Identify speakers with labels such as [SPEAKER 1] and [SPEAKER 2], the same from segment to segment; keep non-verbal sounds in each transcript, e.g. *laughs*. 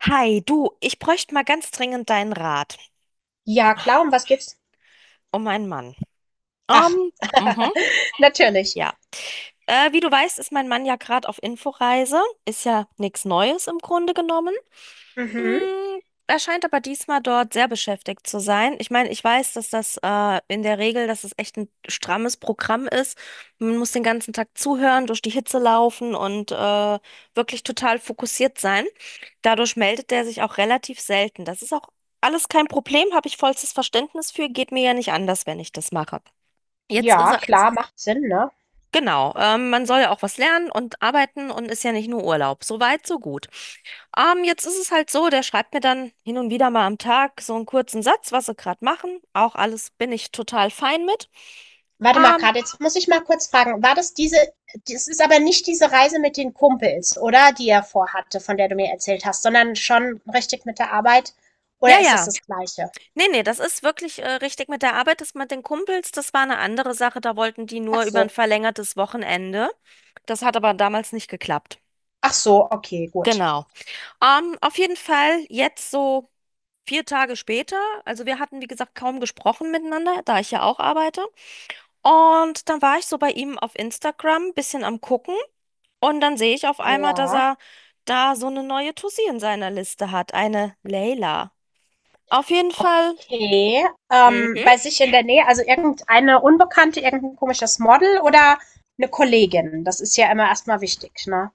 [SPEAKER 1] Hi, du, ich bräuchte mal ganz dringend deinen Rat
[SPEAKER 2] Ja, klar, um was geht's?
[SPEAKER 1] um meinen Mann.
[SPEAKER 2] Ach,
[SPEAKER 1] Ähm, mhm,
[SPEAKER 2] *laughs* natürlich.
[SPEAKER 1] ja. Wie du weißt, ist mein Mann ja gerade auf Inforeise. Ist ja nichts Neues im Grunde genommen.
[SPEAKER 2] Mhm.
[SPEAKER 1] Mm, Er scheint aber diesmal dort sehr beschäftigt zu sein. Ich meine, ich weiß, dass das in der Regel, dass es echt ein strammes Programm ist. Man muss den ganzen Tag zuhören, durch die Hitze laufen und wirklich total fokussiert sein. Dadurch meldet er sich auch relativ selten. Das ist auch alles kein Problem, habe ich vollstes Verständnis für. Geht mir ja nicht anders, wenn ich das mache. Jetzt ist
[SPEAKER 2] Ja,
[SPEAKER 1] er
[SPEAKER 2] klar, macht Sinn, ne?
[SPEAKER 1] Genau, man soll ja auch was lernen und arbeiten und ist ja nicht nur Urlaub. So weit, so gut. Jetzt ist es halt so, der schreibt mir dann hin und wieder mal am Tag so einen kurzen Satz, was sie gerade machen. Auch alles bin ich total fein mit.
[SPEAKER 2] Warte mal
[SPEAKER 1] Ähm,
[SPEAKER 2] gerade jetzt muss ich mal kurz fragen, war das diese, das ist aber nicht diese Reise mit den Kumpels, oder? Die er vorhatte, von der du mir erzählt hast, sondern schon richtig mit der Arbeit?
[SPEAKER 1] ja,
[SPEAKER 2] Oder ist das
[SPEAKER 1] ja.
[SPEAKER 2] das Gleiche?
[SPEAKER 1] Nee, nee, das ist wirklich richtig mit der Arbeit. Das mit den Kumpels, das war eine andere Sache. Da wollten die
[SPEAKER 2] Ach
[SPEAKER 1] nur über ein
[SPEAKER 2] so.
[SPEAKER 1] verlängertes Wochenende. Das hat aber damals nicht geklappt.
[SPEAKER 2] Ach so, okay, gut.
[SPEAKER 1] Genau. Auf jeden Fall jetzt so. 4 Tage später, also wir hatten, wie gesagt, kaum gesprochen miteinander, da ich ja auch arbeite. Und dann war ich so bei ihm auf Instagram, bisschen am Gucken. Und dann sehe ich auf einmal, dass
[SPEAKER 2] Ja.
[SPEAKER 1] er da so eine neue Tussi in seiner Liste hat, eine Leila. Auf jeden Fall,
[SPEAKER 2] Okay.
[SPEAKER 1] mhm.
[SPEAKER 2] Bei sich in der Nähe, also irgendeine Unbekannte, irgendein komisches Model oder eine Kollegin? Das ist ja immer erstmal wichtig, ne?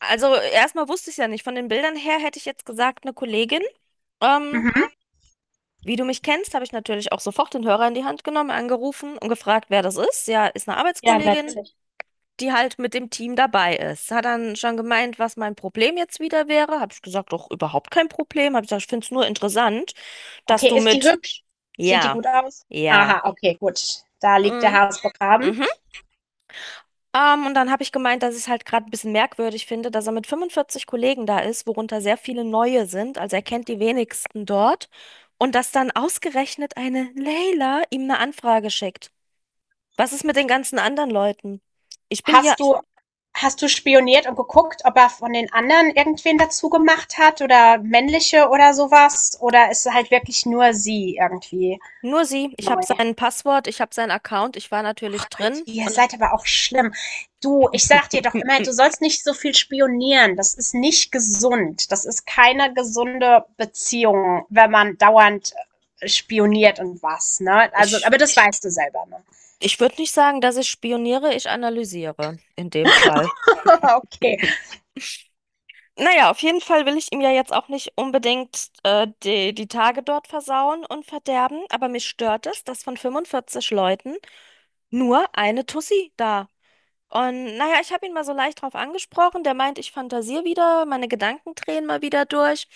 [SPEAKER 1] Also erstmal wusste ich es ja nicht. Von den Bildern her hätte ich jetzt gesagt, eine Kollegin. Ähm,
[SPEAKER 2] Mhm.
[SPEAKER 1] Wie du mich kennst, habe ich natürlich auch sofort den Hörer in die Hand genommen, angerufen und gefragt, wer das ist. Ja, ist eine
[SPEAKER 2] Ja,
[SPEAKER 1] Arbeitskollegin,
[SPEAKER 2] natürlich.
[SPEAKER 1] die halt mit dem Team dabei ist. Hat dann schon gemeint, was mein Problem jetzt wieder wäre. Habe ich gesagt, doch überhaupt kein Problem. Habe ich gesagt, ich finde es nur interessant, dass
[SPEAKER 2] Okay,
[SPEAKER 1] du
[SPEAKER 2] ist die
[SPEAKER 1] mit
[SPEAKER 2] hübsch? Sieht die
[SPEAKER 1] ja,
[SPEAKER 2] gut aus?
[SPEAKER 1] ja,
[SPEAKER 2] Aha, okay, gut. Da liegt der
[SPEAKER 1] mm,
[SPEAKER 2] Hase begraben.
[SPEAKER 1] mhm. Und dann habe ich gemeint, dass ich es halt gerade ein bisschen merkwürdig finde, dass er mit 45 Kollegen da ist, worunter sehr viele neue sind. Also er kennt die wenigsten dort. Und dass dann ausgerechnet eine Leila ihm eine Anfrage schickt. Was ist mit den ganzen anderen Leuten? Ich bin hier
[SPEAKER 2] Hast du, hast du spioniert und geguckt, ob er von den anderen irgendwen dazu gemacht hat oder männliche oder sowas? Oder ist halt wirklich nur sie irgendwie
[SPEAKER 1] Nur sie. Ich habe
[SPEAKER 2] neu?
[SPEAKER 1] sein Passwort, ich habe seinen Account, ich war
[SPEAKER 2] Ach
[SPEAKER 1] natürlich
[SPEAKER 2] Gott,
[SPEAKER 1] drin
[SPEAKER 2] ihr
[SPEAKER 1] und
[SPEAKER 2] seid aber auch schlimm. Du, ich sag dir doch immer, du
[SPEAKER 1] *laughs*
[SPEAKER 2] sollst nicht so viel spionieren. Das ist nicht gesund. Das ist keine gesunde Beziehung, wenn man dauernd spioniert und was, ne? Also,
[SPEAKER 1] ich,
[SPEAKER 2] aber das weißt du selber, ne?
[SPEAKER 1] ich würde nicht sagen, dass ich spioniere, ich analysiere in dem Fall.
[SPEAKER 2] *laughs* Okay.
[SPEAKER 1] *laughs* Naja, auf jeden Fall will ich ihm ja jetzt auch nicht unbedingt die Tage dort versauen und verderben, aber mich stört es, dass von 45 Leuten nur eine Tussi da Und naja, ich habe ihn mal so leicht drauf angesprochen. Der meint, ich fantasiere wieder, meine Gedanken drehen mal wieder durch.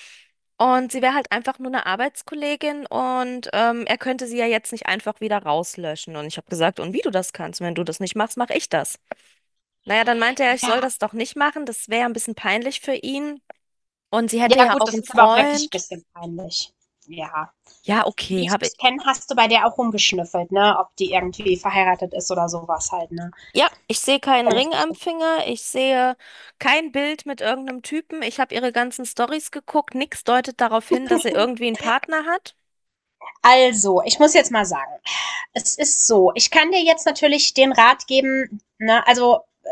[SPEAKER 1] Und sie wäre halt einfach nur eine Arbeitskollegin und er könnte sie ja jetzt nicht einfach wieder rauslöschen. Und ich habe gesagt, und wie du das kannst, wenn du das nicht machst, mache ich das. Naja, dann meinte er, ich
[SPEAKER 2] Ja.
[SPEAKER 1] soll das doch nicht machen. Das wäre ja ein bisschen peinlich für ihn. Und sie hätte
[SPEAKER 2] Ja,
[SPEAKER 1] ja
[SPEAKER 2] gut,
[SPEAKER 1] auch
[SPEAKER 2] das
[SPEAKER 1] einen
[SPEAKER 2] ist aber auch wirklich ein
[SPEAKER 1] Freund.
[SPEAKER 2] bisschen peinlich. Ja.
[SPEAKER 1] Ja,
[SPEAKER 2] Wie
[SPEAKER 1] okay,
[SPEAKER 2] ich
[SPEAKER 1] habe
[SPEAKER 2] dich kenne, hast du bei der auch rumgeschnüffelt, ne? Ob die irgendwie verheiratet ist oder sowas halt, ne?
[SPEAKER 1] Ja, ich sehe keinen
[SPEAKER 2] Wenn
[SPEAKER 1] Ring
[SPEAKER 2] ich
[SPEAKER 1] am
[SPEAKER 2] mich-
[SPEAKER 1] Finger, ich sehe kein Bild mit irgendeinem Typen. Ich habe ihre ganzen Stories geguckt, nichts deutet darauf hin, dass sie irgendwie einen Partner hat.
[SPEAKER 2] Also, ich muss jetzt mal sagen, es ist so. Ich kann dir jetzt natürlich den Rat geben, ne, also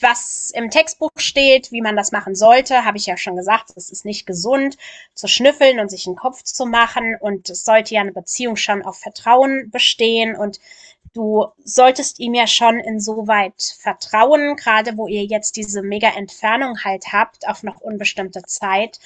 [SPEAKER 2] was im Textbuch steht, wie man das machen sollte, habe ich ja schon gesagt, es ist nicht gesund zu schnüffeln und sich einen Kopf zu machen, und es sollte ja eine Beziehung schon auf Vertrauen bestehen, und du solltest ihm ja schon insoweit vertrauen, gerade wo ihr jetzt diese mega Entfernung halt habt, auf noch unbestimmte Zeit,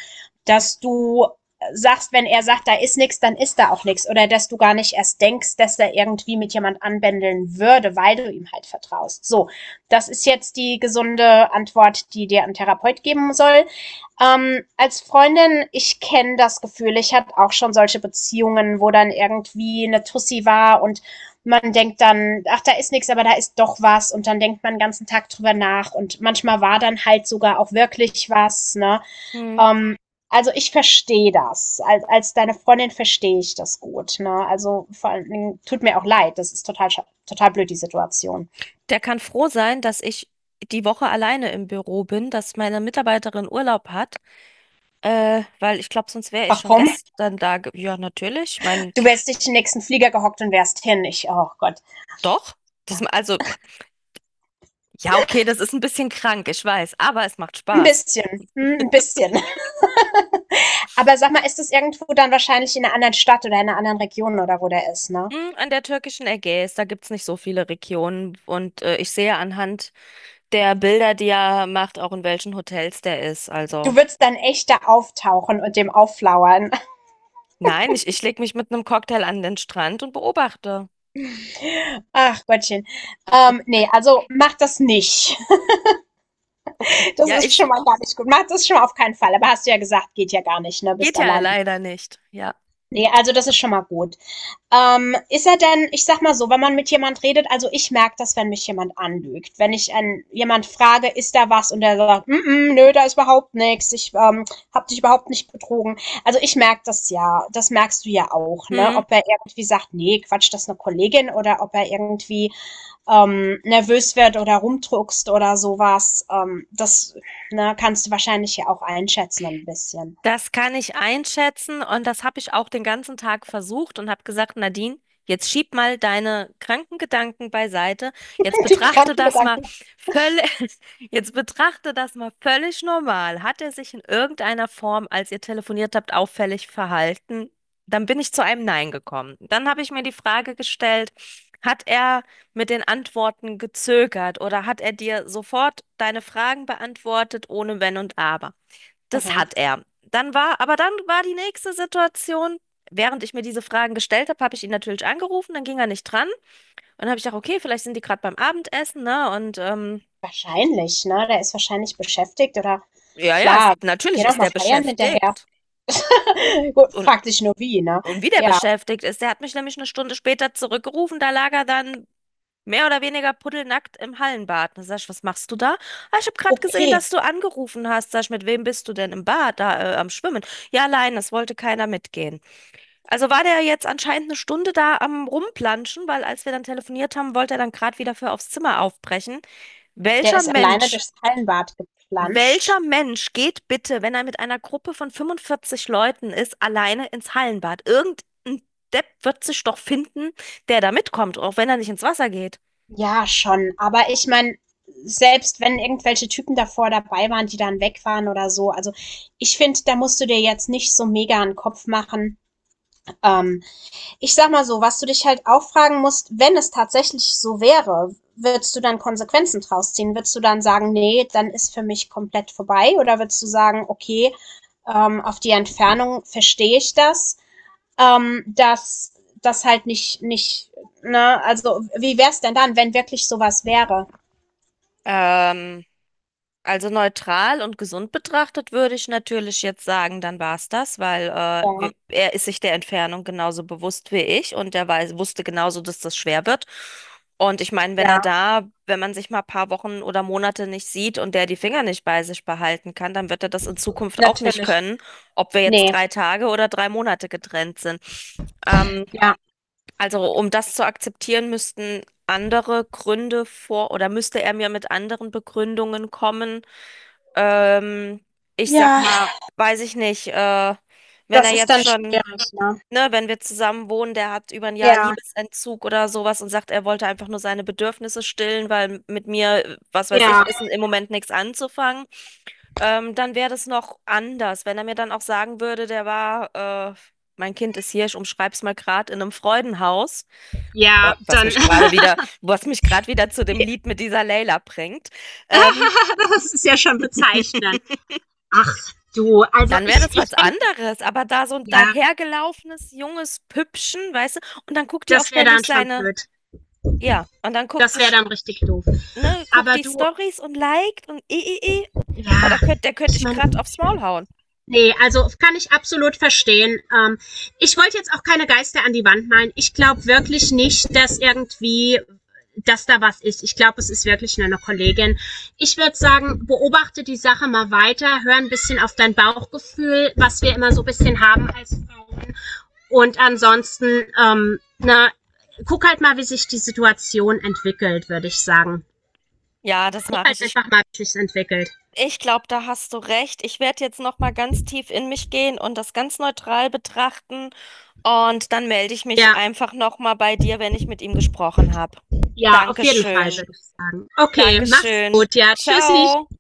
[SPEAKER 2] dass du sagst, wenn er sagt, da ist nichts, dann ist da auch nichts. Oder dass du gar nicht erst denkst, dass er irgendwie mit jemand anbändeln würde, weil du ihm halt vertraust. So, das ist jetzt die gesunde Antwort, die dir ein Therapeut geben soll. Als Freundin, ich kenne das Gefühl, ich hatte auch schon solche Beziehungen, wo dann irgendwie eine Tussi war und man denkt dann, ach, da ist nichts, aber da ist doch was, und dann denkt man den ganzen Tag drüber nach und manchmal war dann halt sogar auch wirklich was, ne?
[SPEAKER 1] Hm.
[SPEAKER 2] Ähm, also ich verstehe das. Als deine Freundin verstehe ich das gut, ne? Also vor allen, tut mir auch leid, das ist total, total blöd, die Situation.
[SPEAKER 1] Der kann froh sein, dass ich die Woche alleine im Büro bin, dass meine Mitarbeiterin Urlaub hat, weil ich glaube, sonst wäre ich schon
[SPEAKER 2] Warum?
[SPEAKER 1] gestern da. Ja, natürlich. Ich meine,
[SPEAKER 2] Du wärst dich im nächsten Flieger gehockt und wärst hin. Ich, oh Gott.
[SPEAKER 1] doch. Das, also, ja, okay, das ist ein bisschen krank, ich weiß, aber es macht
[SPEAKER 2] Ein
[SPEAKER 1] Spaß.
[SPEAKER 2] bisschen. Hm, ein bisschen. Aber sag mal, ist das irgendwo dann wahrscheinlich in einer anderen Stadt oder in einer anderen Region oder wo der ist, ne?
[SPEAKER 1] Hm, an der türkischen Ägäis, da gibt's nicht so viele Regionen und ich sehe anhand der Bilder, die er macht, auch in welchen Hotels der ist. Also,
[SPEAKER 2] Du würdest dann echt da auftauchen und dem aufflauern. *laughs*
[SPEAKER 1] nein, ich lege mich mit einem Cocktail an den Strand und beobachte.
[SPEAKER 2] Ach Gottchen. Nee, also mach das nicht. *laughs*
[SPEAKER 1] Okay,
[SPEAKER 2] Das
[SPEAKER 1] ja,
[SPEAKER 2] ist
[SPEAKER 1] ich
[SPEAKER 2] schon mal gar nicht gut. Mach das schon mal auf keinen Fall. Aber hast du ja gesagt, geht ja gar nicht, ne? Bist
[SPEAKER 1] Geht ja
[SPEAKER 2] alleine.
[SPEAKER 1] leider nicht. Ja.
[SPEAKER 2] Nee, also das ist schon mal gut. Ist er denn, ich sag mal so, wenn man mit jemand redet, also ich merke das, wenn mich jemand anlügt. Wenn ich einen, jemand frage, ist da was und der sagt, mm -mm, nö, da ist überhaupt nichts, ich hab dich überhaupt nicht betrogen. Also ich merke das ja, das merkst du ja auch, ne?
[SPEAKER 1] Hm,
[SPEAKER 2] Ob er irgendwie sagt, nee, Quatsch, das ist eine Kollegin, oder ob er irgendwie nervös wird oder rumdruckst oder sowas. Das ne, kannst du wahrscheinlich ja auch einschätzen ein bisschen.
[SPEAKER 1] das kann ich einschätzen und das habe ich auch den ganzen Tag versucht und habe gesagt, Nadine, jetzt schieb mal deine kranken Gedanken beiseite. Jetzt
[SPEAKER 2] *laughs* Die
[SPEAKER 1] betrachte
[SPEAKER 2] kranken
[SPEAKER 1] das mal
[SPEAKER 2] Gedanken.
[SPEAKER 1] völlig, *laughs* jetzt betrachte das mal völlig normal. Hat er sich in irgendeiner Form, als ihr telefoniert habt, auffällig verhalten? Dann bin ich zu einem Nein gekommen. Dann habe ich mir die Frage gestellt, hat er mit den Antworten gezögert oder hat er dir sofort deine Fragen beantwortet, ohne Wenn und Aber? Das
[SPEAKER 2] Mhm.
[SPEAKER 1] hat er. Aber dann war die nächste Situation, während ich mir diese Fragen gestellt habe, habe ich ihn natürlich angerufen, dann ging er nicht dran. Und dann habe ich gedacht, okay, vielleicht sind die gerade beim Abendessen, ne? Und
[SPEAKER 2] Wahrscheinlich, ne? Der ist wahrscheinlich beschäftigt oder
[SPEAKER 1] ja, ja,
[SPEAKER 2] klar, die
[SPEAKER 1] natürlich
[SPEAKER 2] gehen auch
[SPEAKER 1] ist
[SPEAKER 2] mal
[SPEAKER 1] der
[SPEAKER 2] feiern hinterher.
[SPEAKER 1] beschäftigt.
[SPEAKER 2] *laughs* Gut,
[SPEAKER 1] Und,
[SPEAKER 2] fragt sich nur wie, ne?
[SPEAKER 1] und wie der
[SPEAKER 2] Ja,
[SPEAKER 1] beschäftigt ist, der hat mich nämlich eine Stunde später zurückgerufen, da lag er dann mehr oder weniger pudelnackt im Hallenbad. Da sag ich, was machst du da? Ah, ich habe gerade gesehen,
[SPEAKER 2] okay.
[SPEAKER 1] dass du angerufen hast. Sag ich, mit wem bist du denn im Bad, da am Schwimmen? Ja, allein, das wollte keiner mitgehen. Also war der jetzt anscheinend eine Stunde da am Rumplanschen, weil als wir dann telefoniert haben, wollte er dann gerade wieder für aufs Zimmer aufbrechen.
[SPEAKER 2] Der
[SPEAKER 1] Welcher
[SPEAKER 2] ist alleine
[SPEAKER 1] Mensch,
[SPEAKER 2] durchs Hallenbad geplanscht.
[SPEAKER 1] welcher Mensch geht bitte, wenn er mit einer Gruppe von 45 Leuten ist, alleine ins Hallenbad? Irgendein Depp wird sich doch finden, der da mitkommt, auch wenn er nicht ins Wasser geht.
[SPEAKER 2] Ja, schon. Aber ich meine, selbst wenn irgendwelche Typen davor dabei waren, die dann weg waren oder so, also ich finde, da musst du dir jetzt nicht so mega einen Kopf machen. Ähm, Ich sag mal so, was du dich halt auch fragen musst, wenn es tatsächlich so wäre, würdest du dann Konsequenzen draus ziehen? Würdest du dann sagen, nee, dann ist für mich komplett vorbei? Oder würdest du sagen, okay, auf die Entfernung verstehe ich das, dass das halt nicht, ne, also wie wär's denn dann, wenn wirklich sowas wäre?
[SPEAKER 1] Ähm. Also neutral und gesund betrachtet würde ich natürlich jetzt sagen, dann war es das, weil
[SPEAKER 2] Ja,
[SPEAKER 1] er ist sich der Entfernung genauso bewusst wie ich und er wusste genauso, dass das schwer wird. Und ich meine, wenn er
[SPEAKER 2] ja
[SPEAKER 1] da, wenn man sich mal ein paar Wochen oder Monate nicht sieht und der die Finger nicht bei sich behalten kann, dann wird er das in Zukunft auch nicht
[SPEAKER 2] natürlich.
[SPEAKER 1] können, ob wir jetzt
[SPEAKER 2] Nee,
[SPEAKER 1] 3 Tage oder 3 Monate getrennt sind. Ähm,
[SPEAKER 2] ja.
[SPEAKER 1] also um das zu akzeptieren, müssten andere Gründe vor oder müsste er mir mit anderen Begründungen kommen, ähm, ich sag
[SPEAKER 2] Ja,
[SPEAKER 1] mal, weiß ich nicht, wenn er
[SPEAKER 2] das ist
[SPEAKER 1] jetzt
[SPEAKER 2] dann
[SPEAKER 1] schon,
[SPEAKER 2] schwierig, ne?
[SPEAKER 1] ne, wenn wir zusammen wohnen, der hat über ein Jahr
[SPEAKER 2] Ja.
[SPEAKER 1] Liebesentzug oder sowas und sagt, er wollte einfach nur seine Bedürfnisse stillen, weil mit mir, was weiß
[SPEAKER 2] Ja,
[SPEAKER 1] ich, ist im Moment nichts anzufangen, dann wäre das noch anders. Wenn er mir dann auch sagen würde, der war, mein Kind ist hier, ich umschreib's mal gerade in einem Freudenhaus,
[SPEAKER 2] ja,
[SPEAKER 1] was
[SPEAKER 2] dann,
[SPEAKER 1] mich gerade
[SPEAKER 2] *laughs*
[SPEAKER 1] wieder, was mich gerade wieder zu dem
[SPEAKER 2] ja,
[SPEAKER 1] Lied mit dieser Layla bringt. Ähm,
[SPEAKER 2] das ist ja schon bezeichnend.
[SPEAKER 1] *laughs*
[SPEAKER 2] Ach du,
[SPEAKER 1] Dann wäre das
[SPEAKER 2] ich
[SPEAKER 1] was
[SPEAKER 2] denke,
[SPEAKER 1] anderes, aber da so ein
[SPEAKER 2] ja,
[SPEAKER 1] dahergelaufenes junges Püppchen, weißt du, und dann guckt die auch
[SPEAKER 2] das wäre
[SPEAKER 1] ständig
[SPEAKER 2] dann schon
[SPEAKER 1] seine,
[SPEAKER 2] blöd.
[SPEAKER 1] ja, und dann guckt
[SPEAKER 2] Das wäre
[SPEAKER 1] sich,
[SPEAKER 2] dann richtig doof.
[SPEAKER 1] ne, guckt
[SPEAKER 2] Aber
[SPEAKER 1] die
[SPEAKER 2] du,
[SPEAKER 1] Stories und liked und Boah,
[SPEAKER 2] ja,
[SPEAKER 1] der könnte
[SPEAKER 2] ich
[SPEAKER 1] ich
[SPEAKER 2] meine,
[SPEAKER 1] gerade aufs Maul hauen.
[SPEAKER 2] nee, also kann ich absolut verstehen. Ich wollte jetzt auch keine Geister an die Wand malen. Ich glaube wirklich nicht, dass da was ist. Ich glaube, es ist wirklich nur eine Kollegin. Ich würde sagen, beobachte die Sache mal weiter, hör ein bisschen auf dein Bauchgefühl, was wir immer so ein bisschen haben als Frauen. Und ansonsten, guck halt mal, wie sich die Situation entwickelt, würde ich sagen.
[SPEAKER 1] Ja, das
[SPEAKER 2] Guck
[SPEAKER 1] mache
[SPEAKER 2] halt
[SPEAKER 1] ich. Ich,
[SPEAKER 2] einfach mal, wie sich's entwickelt.
[SPEAKER 1] ich glaube, da hast du recht. Ich werde jetzt noch mal ganz tief in mich gehen und das ganz neutral betrachten und dann melde ich mich
[SPEAKER 2] Ja,
[SPEAKER 1] einfach noch mal bei dir, wenn ich mit ihm gesprochen habe.
[SPEAKER 2] ja, auf jeden Fall,
[SPEAKER 1] Dankeschön.
[SPEAKER 2] würde ich sagen. Okay, mach's
[SPEAKER 1] Dankeschön.
[SPEAKER 2] gut, ja. Tschüssi.
[SPEAKER 1] Ciao.